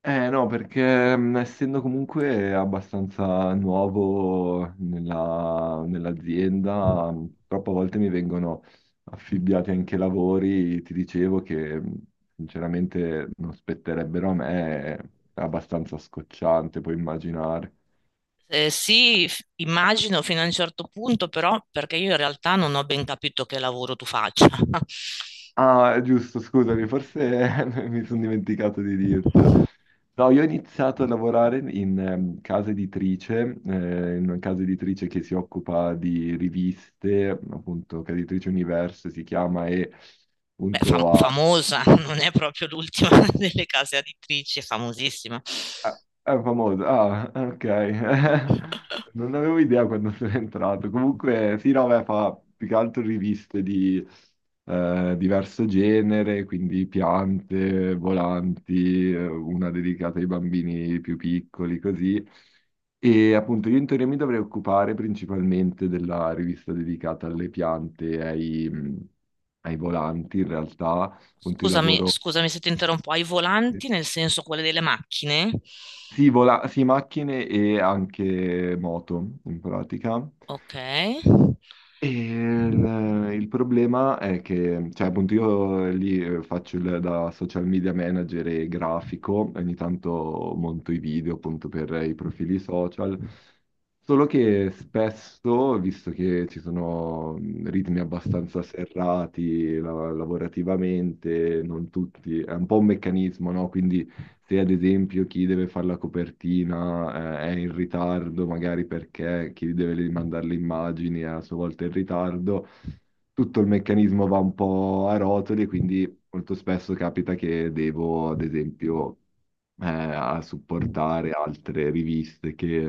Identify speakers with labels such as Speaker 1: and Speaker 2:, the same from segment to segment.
Speaker 1: Eh no, perché essendo comunque abbastanza nuovo nell'azienda, troppe volte mi vengono affibbiati anche lavori, ti dicevo che sinceramente non spetterebbero a me, è abbastanza scocciante, puoi immaginare.
Speaker 2: Immagino fino a un certo punto, però perché io in realtà non ho ben capito che lavoro tu faccia.
Speaker 1: Ah, giusto, scusami, forse mi sono dimenticato di dirtelo. No, io ho iniziato a lavorare in casa editrice, in una casa editrice che si occupa di riviste, appunto, casa editrice Universo si chiama, e
Speaker 2: Beh,
Speaker 1: appunto ha
Speaker 2: famosa, non è proprio l'ultima delle case editrici, è famosissima.
Speaker 1: Ah, è famoso. Ah, ok. Non avevo idea quando sono entrato. Comunque, sì, no, beh, fa più che altro riviste di diverso genere, quindi piante, volanti, una dedicata ai bambini più piccoli, così. E appunto io in teoria mi dovrei occupare principalmente della rivista dedicata alle piante e ai volanti, in realtà, appunto io
Speaker 2: Scusami,
Speaker 1: lavoro...
Speaker 2: scusami se ti interrompo, ai volanti nel senso quelle delle macchine?
Speaker 1: Sì, sì, macchine e anche moto in pratica.
Speaker 2: Ok.
Speaker 1: E il problema è che, cioè, appunto, io lì faccio da social media manager e grafico, ogni tanto monto i video appunto per i profili social. Solo che spesso, visto che ci sono ritmi abbastanza serrati lavorativamente, non tutti, è un po' un meccanismo, no? Quindi se ad esempio chi deve fare la copertina, è in ritardo, magari perché chi deve mandare le immagini è a sua volta in ritardo, tutto il meccanismo va un po' a rotoli e quindi molto spesso capita che devo, ad esempio, a supportare altre riviste che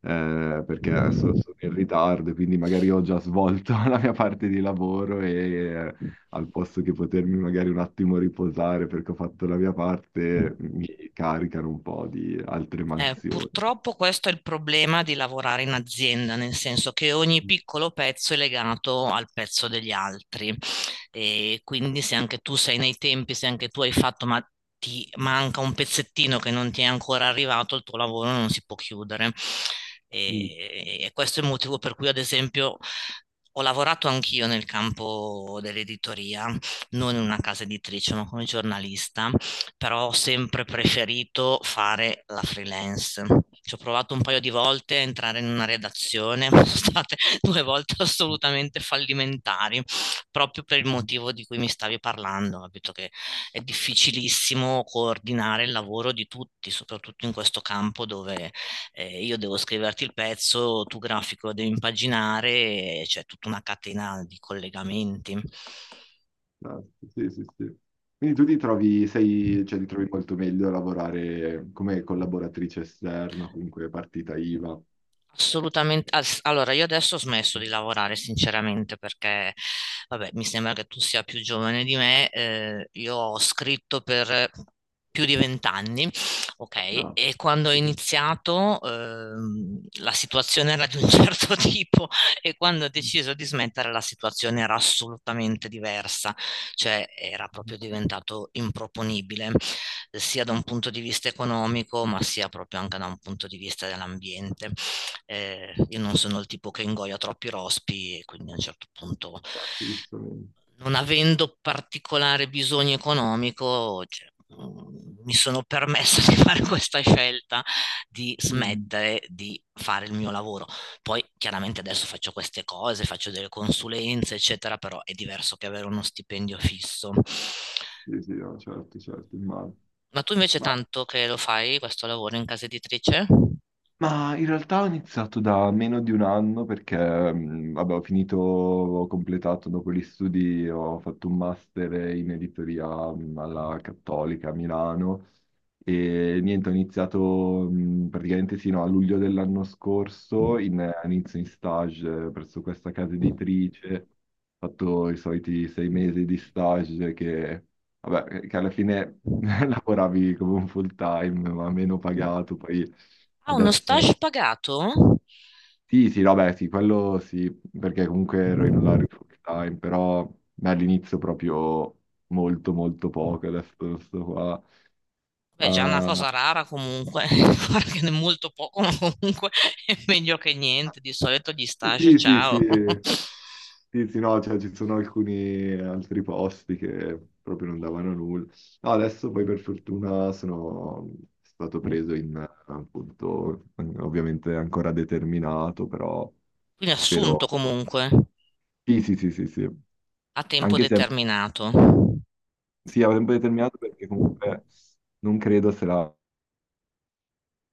Speaker 1: perché sono in ritardo, quindi magari ho già svolto la mia parte di lavoro e eh, al posto che potermi magari un attimo riposare perché ho fatto la mia parte, mi caricano un po' di altre mansioni.
Speaker 2: Purtroppo questo è il problema di lavorare in azienda, nel senso che ogni piccolo pezzo è legato al pezzo degli altri e quindi se anche tu sei nei tempi, se anche tu hai fatto, ma ti manca un pezzettino che non ti è ancora arrivato, il tuo lavoro non si può chiudere.
Speaker 1: Mm.
Speaker 2: E questo è il motivo per cui, ad esempio, ho lavorato anch'io nel campo dell'editoria, non in una casa editrice, ma come giornalista, però ho sempre preferito fare la freelance. Ci ho provato un paio di volte a entrare in una redazione, sono state due volte assolutamente fallimentari, proprio per il motivo di cui mi stavi parlando, capito che è difficilissimo coordinare il lavoro di tutti, soprattutto in questo campo dove io devo scriverti il pezzo, tu grafico lo devi impaginare, e c'è tutta una catena di collegamenti.
Speaker 1: Esatto, sì, sì, sì. Quindi tu ti trovi, sei, cioè, ti trovi molto meglio a lavorare come collaboratrice esterna, comunque partita IVA.
Speaker 2: Assolutamente. Allora, io adesso ho smesso di lavorare, sinceramente, perché, vabbè, mi sembra che tu sia più giovane di me. Io ho scritto per più di 20 anni, ok?
Speaker 1: No,
Speaker 2: E quando ho
Speaker 1: esatto,
Speaker 2: iniziato, la situazione era di un certo tipo, e quando ho deciso di smettere, la situazione era assolutamente diversa, cioè era proprio diventato improponibile sia da un punto di vista economico, ma sia proprio anche da un punto di vista dell'ambiente. Io non sono il tipo che ingoia troppi rospi e quindi a un certo punto,
Speaker 1: giustamente.
Speaker 2: non avendo particolare bisogno economico, cioè, mi sono permessa di fare questa scelta di
Speaker 1: Mm.
Speaker 2: smettere di fare il mio lavoro. Poi chiaramente adesso faccio queste cose, faccio delle consulenze, eccetera, però è diverso che avere uno stipendio fisso.
Speaker 1: Sì, sì, no, certo, certo, immagino.
Speaker 2: Ma tu invece
Speaker 1: Ma
Speaker 2: tanto che lo fai questo lavoro in casa editrice?
Speaker 1: Ma in realtà ho iniziato da meno di un anno perché, vabbè, ho finito, ho completato dopo gli studi, ho fatto un master in editoria alla Cattolica a Milano e niente, ho iniziato praticamente sino a luglio dell'anno scorso, inizio in stage presso questa casa editrice, ho fatto i soliti 6 mesi di stage che, vabbè, che alla fine lavoravi come un full time, ma meno pagato, poi...
Speaker 2: Ah, uno
Speaker 1: Adesso
Speaker 2: stage pagato?
Speaker 1: sì, sì, no, beh, sì, quello sì, perché comunque ero in orario full time, però beh, all'inizio proprio molto, molto poco, adesso sto qua.
Speaker 2: Beh, già una
Speaker 1: Ah,
Speaker 2: cosa rara comunque, guarda che ne è molto poco, ma comunque è meglio che niente. Di solito gli stage,
Speaker 1: sì, sì,
Speaker 2: ciao.
Speaker 1: sì, sì, sì, no, cioè ci sono alcuni altri posti che proprio non davano nulla. No, adesso poi per fortuna sono stato preso appunto, ovviamente ancora determinato, però
Speaker 2: Quindi assunto
Speaker 1: spero...
Speaker 2: comunque
Speaker 1: Sì, sì, sì, sì, sì.
Speaker 2: a tempo
Speaker 1: Anche se è.
Speaker 2: determinato.
Speaker 1: Sì, a tempo determinato perché comunque non credo se la...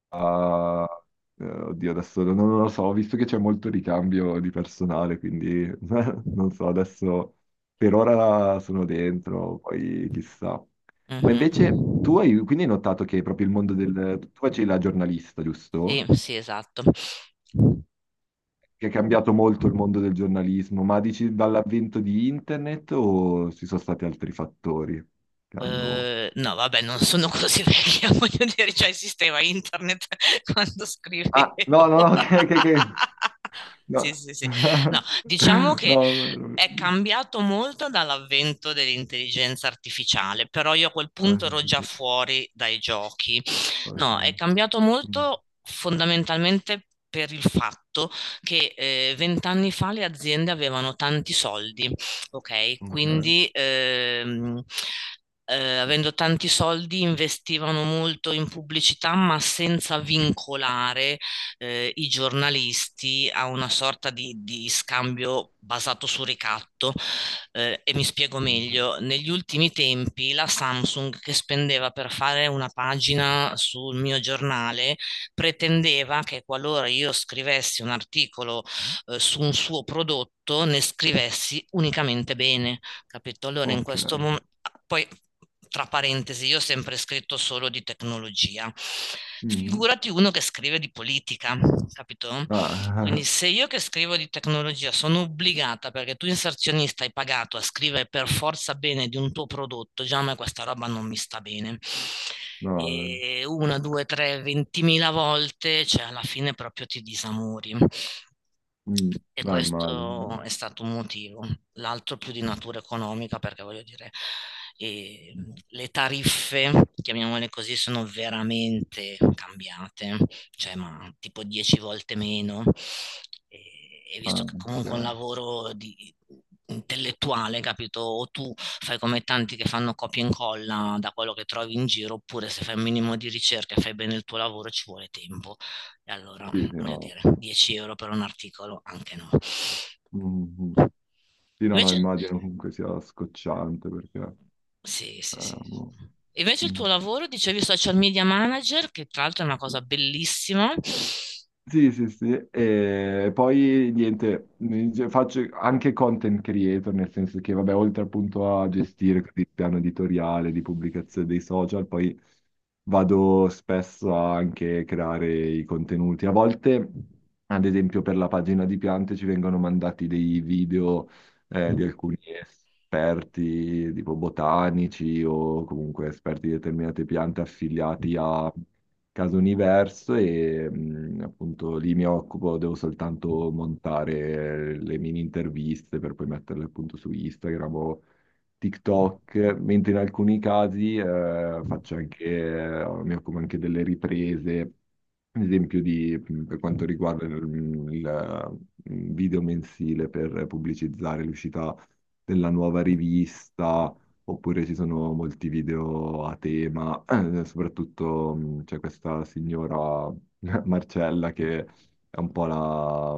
Speaker 1: a- oddio, adesso non lo so, ho visto che c'è molto ricambio di personale, quindi non so, adesso per ora sono dentro, poi chissà. Ma invece
Speaker 2: Mhm.
Speaker 1: tu hai quindi hai notato che proprio il mondo del... Tu facevi la giornalista,
Speaker 2: Sì,
Speaker 1: giusto?
Speaker 2: sì, esatto.
Speaker 1: Che è cambiato molto il mondo del giornalismo, ma dici dall'avvento di internet o ci sono stati altri fattori che hanno...
Speaker 2: No, vabbè, non sono così vecchia, voglio dire, già esisteva internet quando
Speaker 1: Ah, no,
Speaker 2: scrivevo.
Speaker 1: no, no, che...
Speaker 2: Sì,
Speaker 1: No.
Speaker 2: sì, sì. No, diciamo
Speaker 1: No,
Speaker 2: che
Speaker 1: no,
Speaker 2: è
Speaker 1: no.
Speaker 2: cambiato molto dall'avvento dell'intelligenza artificiale, però io a quel
Speaker 1: Ah,
Speaker 2: punto
Speaker 1: sì,
Speaker 2: ero
Speaker 1: sì,
Speaker 2: già
Speaker 1: sì.
Speaker 2: fuori dai giochi.
Speaker 1: Ok.
Speaker 2: No, è cambiato
Speaker 1: Mm.
Speaker 2: molto fondamentalmente per il fatto che 20 anni fa le aziende avevano tanti soldi, ok?
Speaker 1: Ok,
Speaker 2: Quindi avendo tanti soldi investivano molto in pubblicità, ma senza vincolare i giornalisti a una sorta di scambio basato su ricatto. E mi spiego
Speaker 1: ok.
Speaker 2: meglio, negli ultimi tempi la Samsung che spendeva per fare una pagina sul mio giornale pretendeva che qualora io scrivessi un articolo, su un suo prodotto, ne scrivessi unicamente bene, capito? Allora in questo
Speaker 1: Ok.
Speaker 2: momento, poi tra parentesi, io ho sempre scritto solo di tecnologia.
Speaker 1: Mm.
Speaker 2: Figurati uno che scrive di politica, capito? Quindi
Speaker 1: Ah,
Speaker 2: se io che scrivo di tecnologia sono obbligata, perché tu inserzionista hai pagato, a scrivere per forza bene di un tuo prodotto, già a me questa roba non mi sta bene.
Speaker 1: no,
Speaker 2: E una, due, tre, ventimila volte, cioè alla fine proprio ti disamori.
Speaker 1: mm,
Speaker 2: E
Speaker 1: no, immagino.
Speaker 2: questo
Speaker 1: No.
Speaker 2: è stato un motivo. L'altro più di natura economica, perché voglio dire, eh,
Speaker 1: Mm.
Speaker 2: le tariffe, chiamiamole così, sono veramente cambiate, cioè ma tipo 10 volte meno. E, e
Speaker 1: Ah,
Speaker 2: visto che
Speaker 1: ok. Mm.
Speaker 2: comunque è un
Speaker 1: Ah, ok.
Speaker 2: lavoro di, intellettuale, capito? O tu fai come tanti che fanno copia e incolla da quello che trovi in giro, oppure se fai un minimo di ricerca e fai bene il tuo lavoro ci vuole tempo. E allora,
Speaker 1: Sì, sì,
Speaker 2: voglio
Speaker 1: no.
Speaker 2: dire, 10 euro per un articolo, anche no.
Speaker 1: Mm, sì, no, no,
Speaker 2: Invece,
Speaker 1: immagino comunque sia scocciante perché...
Speaker 2: sì, sì, sì, sì.
Speaker 1: boh.
Speaker 2: Invece il
Speaker 1: Mm.
Speaker 2: tuo lavoro, dicevi social media manager, che tra l'altro è una cosa bellissima.
Speaker 1: Sì, sì, sì, e poi niente, faccio anche content creator, nel senso che, vabbè, oltre appunto a gestire così il piano editoriale di pubblicazione dei social, poi vado spesso a anche creare i contenuti. A volte, ad esempio, per la pagina di piante ci vengono mandati dei video di alcuni esperti, tipo botanici o comunque esperti di determinate piante affiliati a Caso Universo e appunto lì mi occupo, devo soltanto montare le mini interviste per poi metterle appunto su Instagram o TikTok, mentre in alcuni casi faccio anche, mi occupo anche delle riprese, ad esempio di, per quanto riguarda il mm, video mensile per pubblicizzare l'uscita della nuova rivista, oppure ci sono molti video a tema soprattutto c'è questa signora Marcella che è un po' la,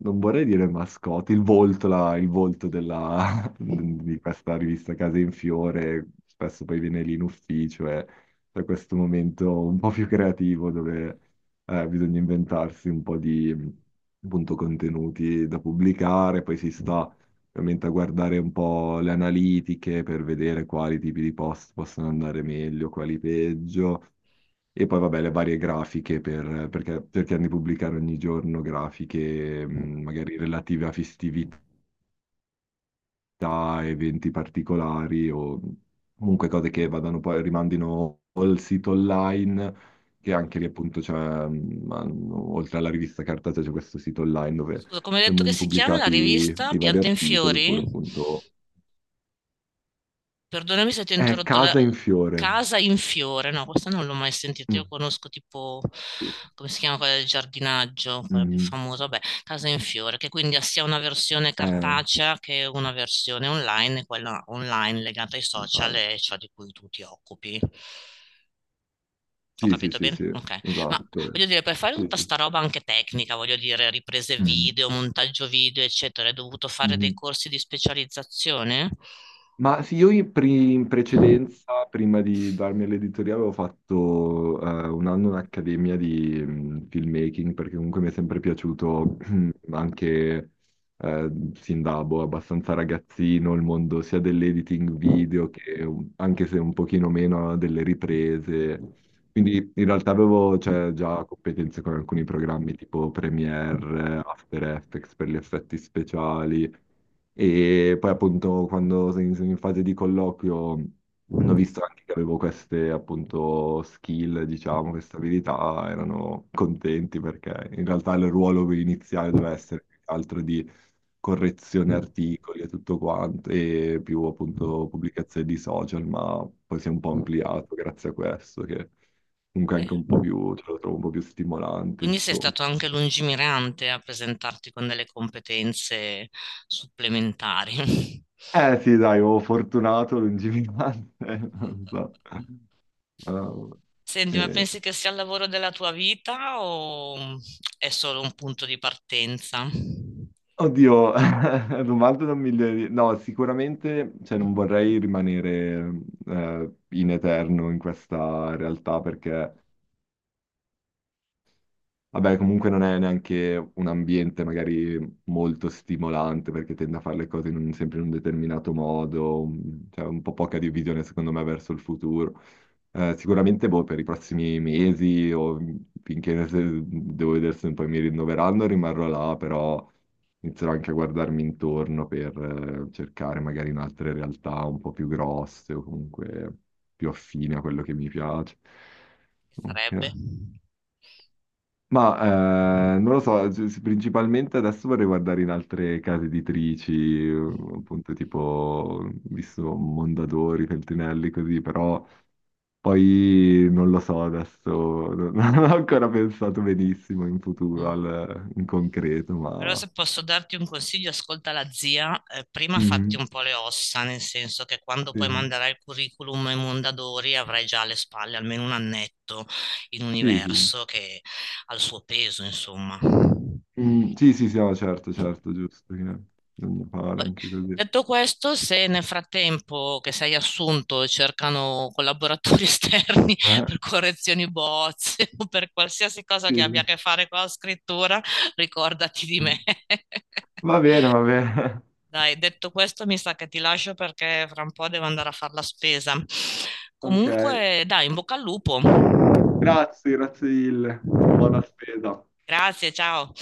Speaker 1: non vorrei dire mascotte, il volto, il volto di questa rivista Case in Fiore, spesso poi viene lì in ufficio e c'è questo momento un po' più creativo dove bisogna inventarsi un po' di appunto contenuti da pubblicare, poi si sta ovviamente a guardare un po' le analitiche per vedere quali tipi di post possono andare meglio, quali peggio, e poi vabbè le varie grafiche per, perché cerchiamo di pubblicare ogni giorno grafiche magari relative a festività, eventi particolari o comunque cose che vadano poi rimandino al sito online. Che anche lì appunto c'è, oltre alla rivista cartacea, c'è questo sito online dove
Speaker 2: Scusa, come hai detto che
Speaker 1: vengono
Speaker 2: si chiama la
Speaker 1: pubblicati
Speaker 2: rivista,
Speaker 1: i vari
Speaker 2: Piante in
Speaker 1: articoli,
Speaker 2: Fiori?
Speaker 1: oppure appunto
Speaker 2: Perdonami se ti ho
Speaker 1: è
Speaker 2: interrotto, la
Speaker 1: Casa in fiore.
Speaker 2: casa in fiore, no, questa non l'ho mai sentita,
Speaker 1: Mm,
Speaker 2: io conosco tipo,
Speaker 1: sì.
Speaker 2: come si chiama quella del giardinaggio, quella più
Speaker 1: Mm,
Speaker 2: famosa, vabbè, casa in fiore, che quindi ha sia una versione
Speaker 1: eh,
Speaker 2: cartacea che una versione online, e quella online legata ai social
Speaker 1: vabbè.
Speaker 2: e ciò di cui tu ti occupi. Ho
Speaker 1: Sì, sì,
Speaker 2: capito
Speaker 1: sì, sì,
Speaker 2: bene? Ok. Ma
Speaker 1: esatto.
Speaker 2: voglio dire, per fare
Speaker 1: Sì,
Speaker 2: tutta
Speaker 1: sì.
Speaker 2: sta roba anche tecnica, voglio dire, riprese
Speaker 1: Mm,
Speaker 2: video, montaggio video, eccetera, hai dovuto fare dei
Speaker 1: mm.
Speaker 2: corsi di specializzazione?
Speaker 1: Ma sì, io in precedenza, prima di darmi all'editoria, avevo fatto un anno un'accademia di filmmaking, perché comunque mi è sempre piaciuto anche sin da boh, abbastanza ragazzino il mondo sia dell'editing video che anche se un pochino meno delle riprese. Quindi in realtà avevo cioè, già competenze con alcuni programmi tipo Premiere, After Effects per gli effetti speciali. E poi appunto quando sono in fase di colloquio hanno visto anche che avevo queste appunto skill, diciamo, queste abilità, erano contenti perché in realtà il ruolo iniziale doveva essere più che altro di correzione articoli e tutto quanto e più appunto pubblicazioni di social, ma poi si è un po' ampliato grazie a questo che comunque è anche un po' più, ce lo trovo un po' più stimolante,
Speaker 2: Quindi sei
Speaker 1: insomma.
Speaker 2: stato anche lungimirante a presentarti con delle competenze supplementari.
Speaker 1: Eh sì, dai, oh, fortunato, lungimirante, non so. Oh,
Speaker 2: Senti, ma
Speaker 1: eh,
Speaker 2: pensi che sia il lavoro della tua vita o è solo un punto di partenza? Che
Speaker 1: oddio, domanda da un milione di... No, sicuramente, cioè, non vorrei rimanere in eterno in questa realtà perché. Vabbè, comunque non è neanche un ambiente magari molto stimolante perché tende a fare le cose in sempre in un determinato modo, mm, cioè un po' poca di visione secondo me verso il futuro. Sicuramente boh, per i prossimi mesi o finché devo vedere se poi mi rinnoveranno rimarrò là, però inizierò anche a guardarmi intorno per cercare magari in altre realtà un po' più grosse o comunque più affine a quello che mi piace. Ok.
Speaker 2: sarebbe?
Speaker 1: Ma non lo so, principalmente adesso vorrei guardare in altre case editrici, appunto tipo, visto Mondadori, Feltrinelli, così, però poi non lo so adesso, non non ho ancora pensato benissimo in futuro,
Speaker 2: Mm.
Speaker 1: in concreto,
Speaker 2: Però
Speaker 1: ma...
Speaker 2: se posso darti un consiglio, ascolta la zia, prima fatti
Speaker 1: Mm,
Speaker 2: un po' le ossa, nel senso che quando
Speaker 1: sì,
Speaker 2: poi manderai il curriculum ai Mondadori avrai già alle spalle almeno un annetto in
Speaker 1: sì, sì,
Speaker 2: universo, che ha il suo peso, insomma.
Speaker 1: Mm, sì, sì, sì, no, certo, certo, giusto, che bisogna fare
Speaker 2: Poi,
Speaker 1: anche così.
Speaker 2: detto questo, se nel frattempo che sei assunto cercano collaboratori esterni
Speaker 1: Eh,
Speaker 2: per correzioni bozze o per qualsiasi cosa
Speaker 1: sì,
Speaker 2: che abbia a che fare con la scrittura, ricordati di
Speaker 1: sì.
Speaker 2: me.
Speaker 1: Va bene,
Speaker 2: Dai, detto questo, mi sa che ti lascio perché fra un po' devo andare a fare la spesa.
Speaker 1: ok.
Speaker 2: Comunque, dai, in bocca al lupo.
Speaker 1: Grazie, grazie mille. Buona spesa.
Speaker 2: Grazie, ciao.